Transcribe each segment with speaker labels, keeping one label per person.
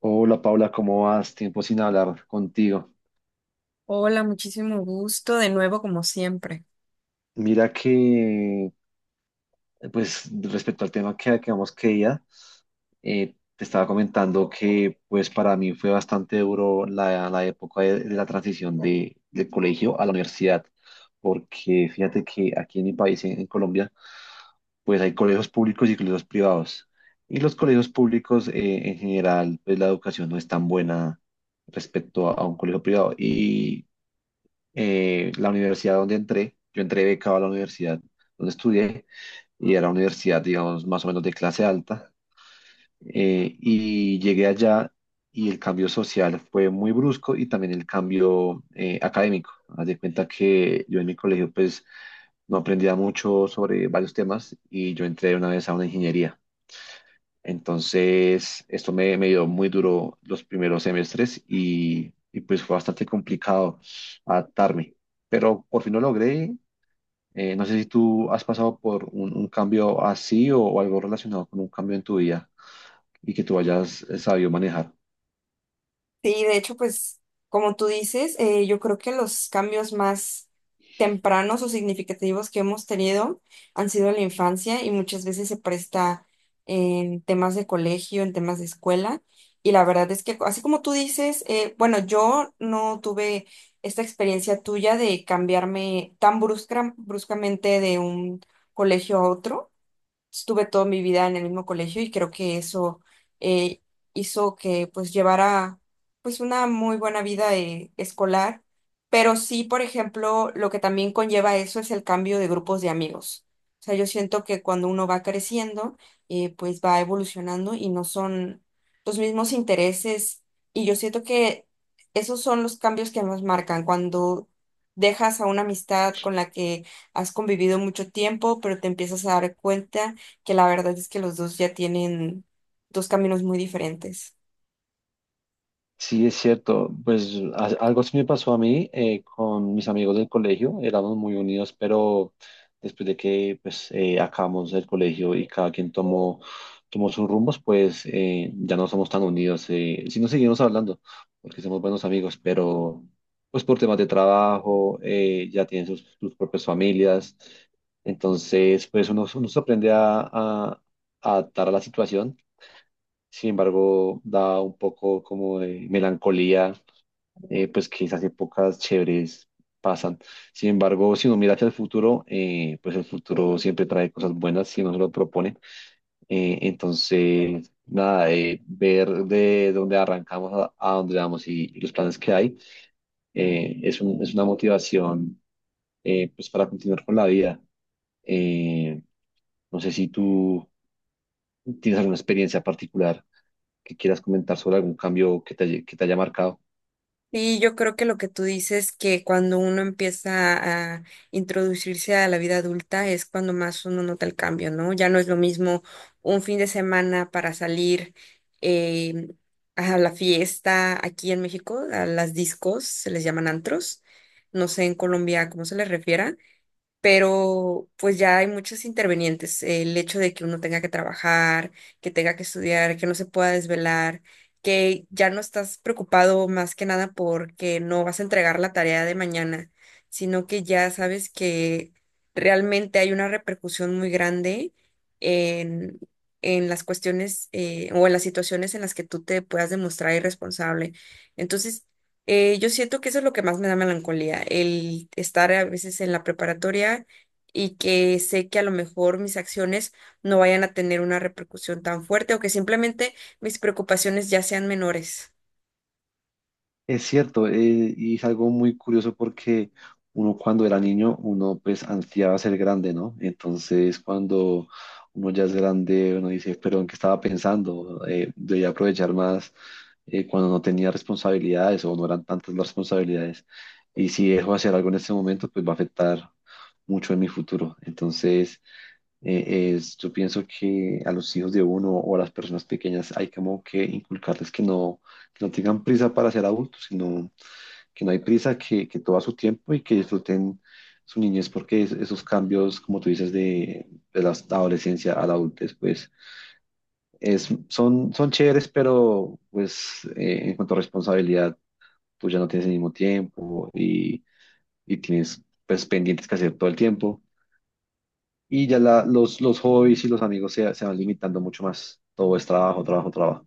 Speaker 1: Hola Paula, ¿cómo vas? Tiempo sin hablar contigo.
Speaker 2: Hola, muchísimo gusto de nuevo como siempre.
Speaker 1: Mira que, pues respecto al tema que acabamos que día, te estaba comentando que pues para mí fue bastante duro la época de la transición del colegio a la universidad, porque fíjate que aquí en mi país, en Colombia, pues hay colegios públicos y colegios privados. Y los colegios públicos, en general, pues la educación no es tan buena respecto a un colegio privado. Y la universidad donde entré, yo entré becado a la universidad donde estudié y era una universidad, digamos, más o menos de clase alta. Y llegué allá y el cambio social fue muy brusco y también el cambio académico. Haz de cuenta que yo en mi colegio pues no aprendía mucho sobre varios temas y yo entré de una vez a una ingeniería. Entonces, esto me dio muy duro los primeros semestres y pues fue bastante complicado adaptarme, pero por fin lo logré. No sé si tú has pasado por un cambio así o algo relacionado con un cambio en tu vida y que tú hayas sabido manejar.
Speaker 2: Sí, de hecho, pues como tú dices, yo creo que los cambios más tempranos o significativos que hemos tenido han sido en la infancia y muchas veces se presta en temas de colegio, en temas de escuela. Y la verdad es que, así como tú dices, bueno, yo no tuve esta experiencia tuya de cambiarme tan bruscamente de un colegio a otro. Estuve toda mi vida en el mismo colegio y creo que eso eh, hizo que pues llevara pues una muy buena vida escolar, pero sí, por ejemplo, lo que también conlleva eso es el cambio de grupos de amigos. O sea, yo siento que cuando uno va creciendo, pues va evolucionando y no son los mismos intereses y yo siento que esos son los cambios que nos marcan cuando dejas a una amistad con la que has convivido mucho tiempo, pero te empiezas a dar cuenta que la verdad es que los dos ya tienen dos caminos muy diferentes.
Speaker 1: Sí, es cierto. Pues algo sí me pasó a mí, con mis amigos del colegio. Éramos muy unidos, pero después de que pues, acabamos el colegio y cada quien tomó sus rumbos, pues ya no somos tan unidos. Sí nos seguimos hablando, porque somos buenos amigos, pero pues por temas de trabajo, ya tienen sus propias familias. Entonces, pues uno se aprende a adaptar a la situación, sin embargo, da un poco como de melancolía, pues que esas épocas chéveres pasan. Sin embargo, si uno mira hacia el futuro, pues el futuro siempre trae cosas buenas si uno se lo propone. Nada, ver de dónde arrancamos a dónde vamos y los planes que hay, es una motivación, pues para continuar con la vida. Eh, no sé si tú ¿Tienes alguna experiencia particular que quieras comentar sobre algún cambio que que te haya marcado?
Speaker 2: Y yo creo que lo que tú dices, que cuando uno empieza a introducirse a la vida adulta es cuando más uno nota el cambio, ¿no? Ya no es lo mismo un fin de semana para salir eh, a la fiesta aquí en México, a las discos, se les llaman antros, no sé en Colombia cómo se les refiera, pero pues ya hay muchos intervenientes. El hecho de que uno tenga que trabajar, que tenga que estudiar, que no se pueda desvelar, que ya no estás preocupado más que nada porque no vas a entregar la tarea de mañana, sino que ya sabes que realmente hay una repercusión muy grande en... en las cuestiones o en las situaciones en las que tú te puedas demostrar irresponsable. Entonces, yo siento que eso es lo que más me da melancolía, el estar a veces en la preparatoria y que sé que a lo mejor mis acciones no vayan a tener una repercusión tan fuerte o que simplemente mis preocupaciones ya sean menores.
Speaker 1: Es cierto, y es algo muy curioso porque uno cuando era niño, uno pues ansiaba ser grande, ¿no? Entonces cuando uno ya es grande, uno dice, pero ¿en qué estaba pensando? Debía aprovechar más cuando no tenía responsabilidades o no eran tantas las responsabilidades. Y si dejo de hacer algo en este momento, pues va a afectar mucho en mi futuro. Entonces… yo pienso que a los hijos de uno o a las personas pequeñas hay como que inculcarles que no tengan prisa para ser adultos, sino que no hay prisa, que todo a su tiempo y que disfruten su niñez, porque esos cambios, como tú dices, de la adolescencia a la adultez, pues son chéveres, pero pues en cuanto a responsabilidad, tú ya no tienes el mismo tiempo y tienes pues pendientes que hacer todo el tiempo. Y ya los hobbies y los amigos se van limitando mucho más. Todo es trabajo, trabajo, trabajo.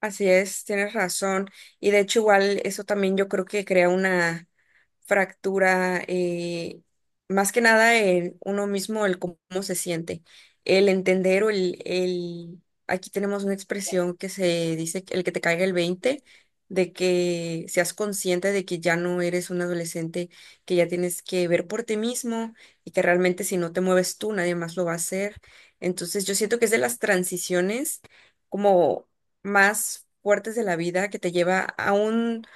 Speaker 2: Así es, tienes razón. Y de hecho, igual eso también yo creo que crea una fractura, más que nada en uno mismo, el cómo se siente, el entender o aquí tenemos una expresión que se dice que el que te caiga el 20 de que seas consciente de que ya no eres un adolescente, que ya tienes que ver por ti mismo y que realmente si no te mueves tú, nadie más lo va a hacer. Entonces yo siento que es de las transiciones como más fuertes de la vida que te lleva a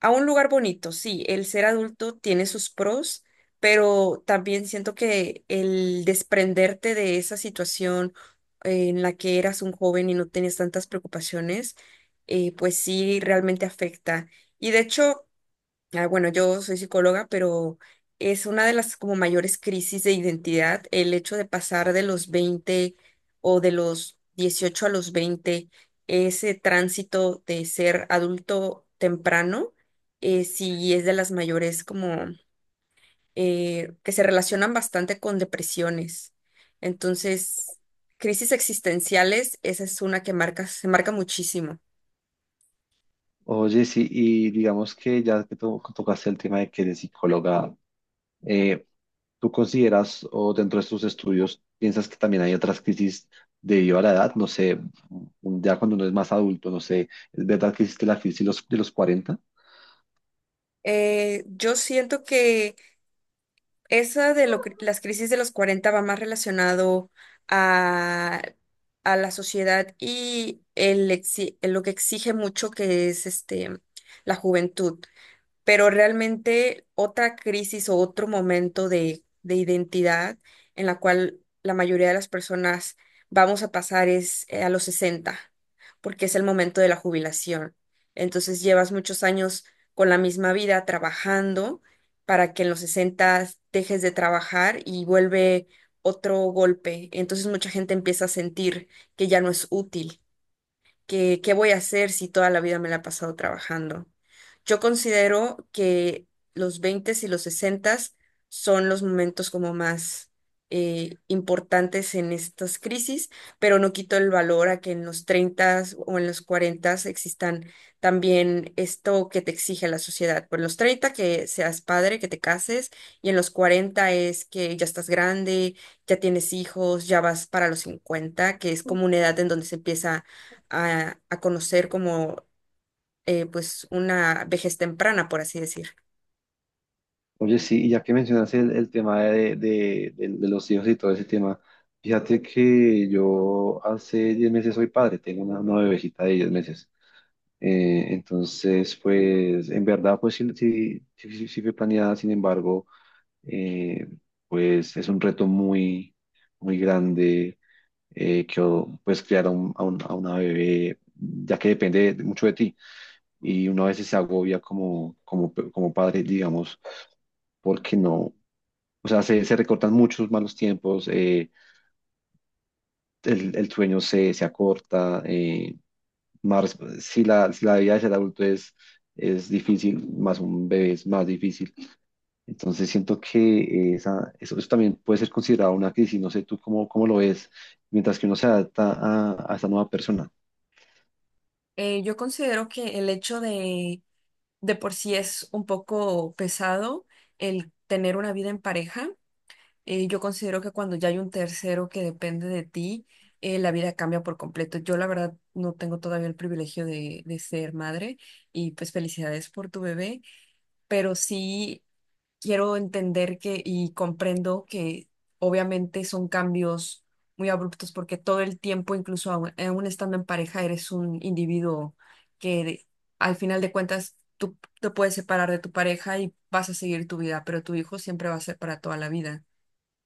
Speaker 2: a un lugar bonito. Sí, el ser adulto tiene sus pros, pero también siento que el desprenderte de esa situación en la que eras un joven y no tenías tantas preocupaciones, pues sí, realmente afecta. Y de hecho, ah, bueno, yo soy psicóloga, pero es una de las como mayores crisis de identidad el hecho de pasar de los veinte o de los 18 a los veinte, ese tránsito de ser adulto temprano, sí es de las mayores como que se relacionan bastante con depresiones. Entonces, crisis existenciales, esa es una que marca, se marca muchísimo.
Speaker 1: Oye, sí, y digamos que ya que tocaste el tema de que eres psicóloga, eh, ¿tú consideras o dentro de tus estudios piensas que también hay otras crisis debido a la edad? No sé, ya cuando uno es más adulto, no sé, ¿es verdad que existe la crisis de de los 40?
Speaker 2: Yo siento que esa las crisis de los 40 va más relacionado a, a la sociedad y lo que exige mucho que es este, la juventud. Pero realmente otra crisis o otro momento de identidad en la cual la mayoría de las personas vamos a pasar es a los 60 porque es el momento de la jubilación. Entonces llevas muchos años con la misma vida trabajando para que en los 60 dejes de trabajar y vuelve otro golpe. Entonces mucha gente empieza a sentir que ya no es útil, que qué voy a hacer si toda la vida me la he pasado trabajando. Yo considero que los 20 y los 60 son los momentos como más importantes en estas crisis, pero no quito el valor a que en los 30 o en los 40 existan también esto que te exige la sociedad. Por los 30 que seas padre, que te cases, y en los 40 es que ya estás grande, ya tienes hijos, ya vas para los 50, que es como una edad en donde se empieza a conocer como pues una vejez temprana, por así decir.
Speaker 1: Oye, sí, y ya que mencionas el tema de los hijos y todo ese tema, fíjate que yo hace 10 meses soy padre, tengo una bebecita de 10 meses. Entonces, pues, en verdad, pues sí fue planeada, sin embargo, eh, pues es un reto muy, muy grande, pues criar a una bebé, ya que mucho de ti. Y uno a veces se agobia como padre, digamos, porque no, o sea, se recortan muchos malos tiempos, el sueño se acorta, más, si la vida de ser adulto es difícil, más un bebé es más difícil. Entonces siento que eso también puede ser considerado una crisis, no sé tú cómo lo ves, mientras que uno se adapta a esta nueva persona.
Speaker 2: Yo considero que el hecho de por sí es un poco pesado el tener una vida en pareja. Yo considero que cuando ya hay un tercero que depende de ti, la vida cambia por completo. Yo la verdad no tengo todavía el privilegio de ser madre y pues felicidades por tu bebé, pero sí, quiero entender que y comprendo que obviamente son cambios muy abruptos porque todo el tiempo, incluso aún estando en pareja, eres un individuo que al final de cuentas tú te puedes separar de tu pareja y vas a seguir tu vida, pero tu hijo siempre va a ser para toda la vida.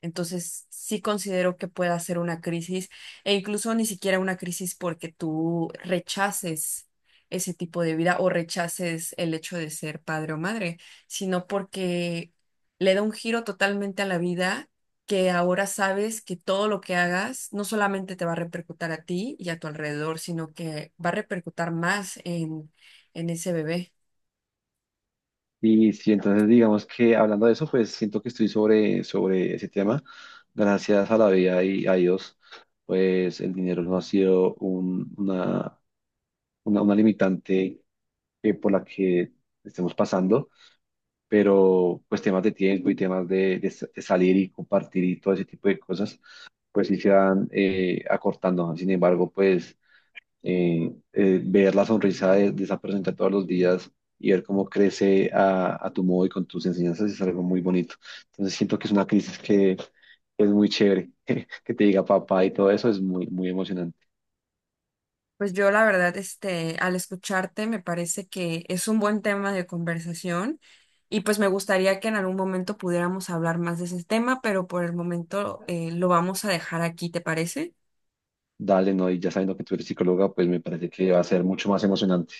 Speaker 2: Entonces, sí considero que pueda ser una crisis, e incluso ni siquiera una crisis porque tú rechaces ese tipo de vida o rechaces el hecho de ser padre o madre, sino porque le da un giro totalmente a la vida, que ahora sabes que todo lo que hagas no solamente te va a repercutir a ti y a tu alrededor, sino que va a repercutir más en ese bebé.
Speaker 1: Y sí, entonces digamos que hablando de eso, pues siento que estoy sobre ese tema, gracias a la vida y a Dios, pues el dinero no ha sido una limitante por la que estemos pasando, pero pues temas de tiempo y temas de salir y compartir y todo ese tipo de cosas, pues sí se van acortando. Sin embargo, pues ver la sonrisa de esa persona todos los días y ver cómo crece a tu modo y con tus enseñanzas es algo muy bonito. Entonces siento que es una crisis que es muy chévere, que te diga papá y todo eso es muy, muy emocionante.
Speaker 2: Pues yo la verdad, este, al escucharte me parece que es un buen tema de conversación y pues me gustaría que en algún momento pudiéramos hablar más de ese tema, pero por el momento lo vamos a dejar aquí, ¿te parece?
Speaker 1: Dale, no, y ya sabiendo que tú eres psicóloga, pues me parece que va a ser mucho más emocionante.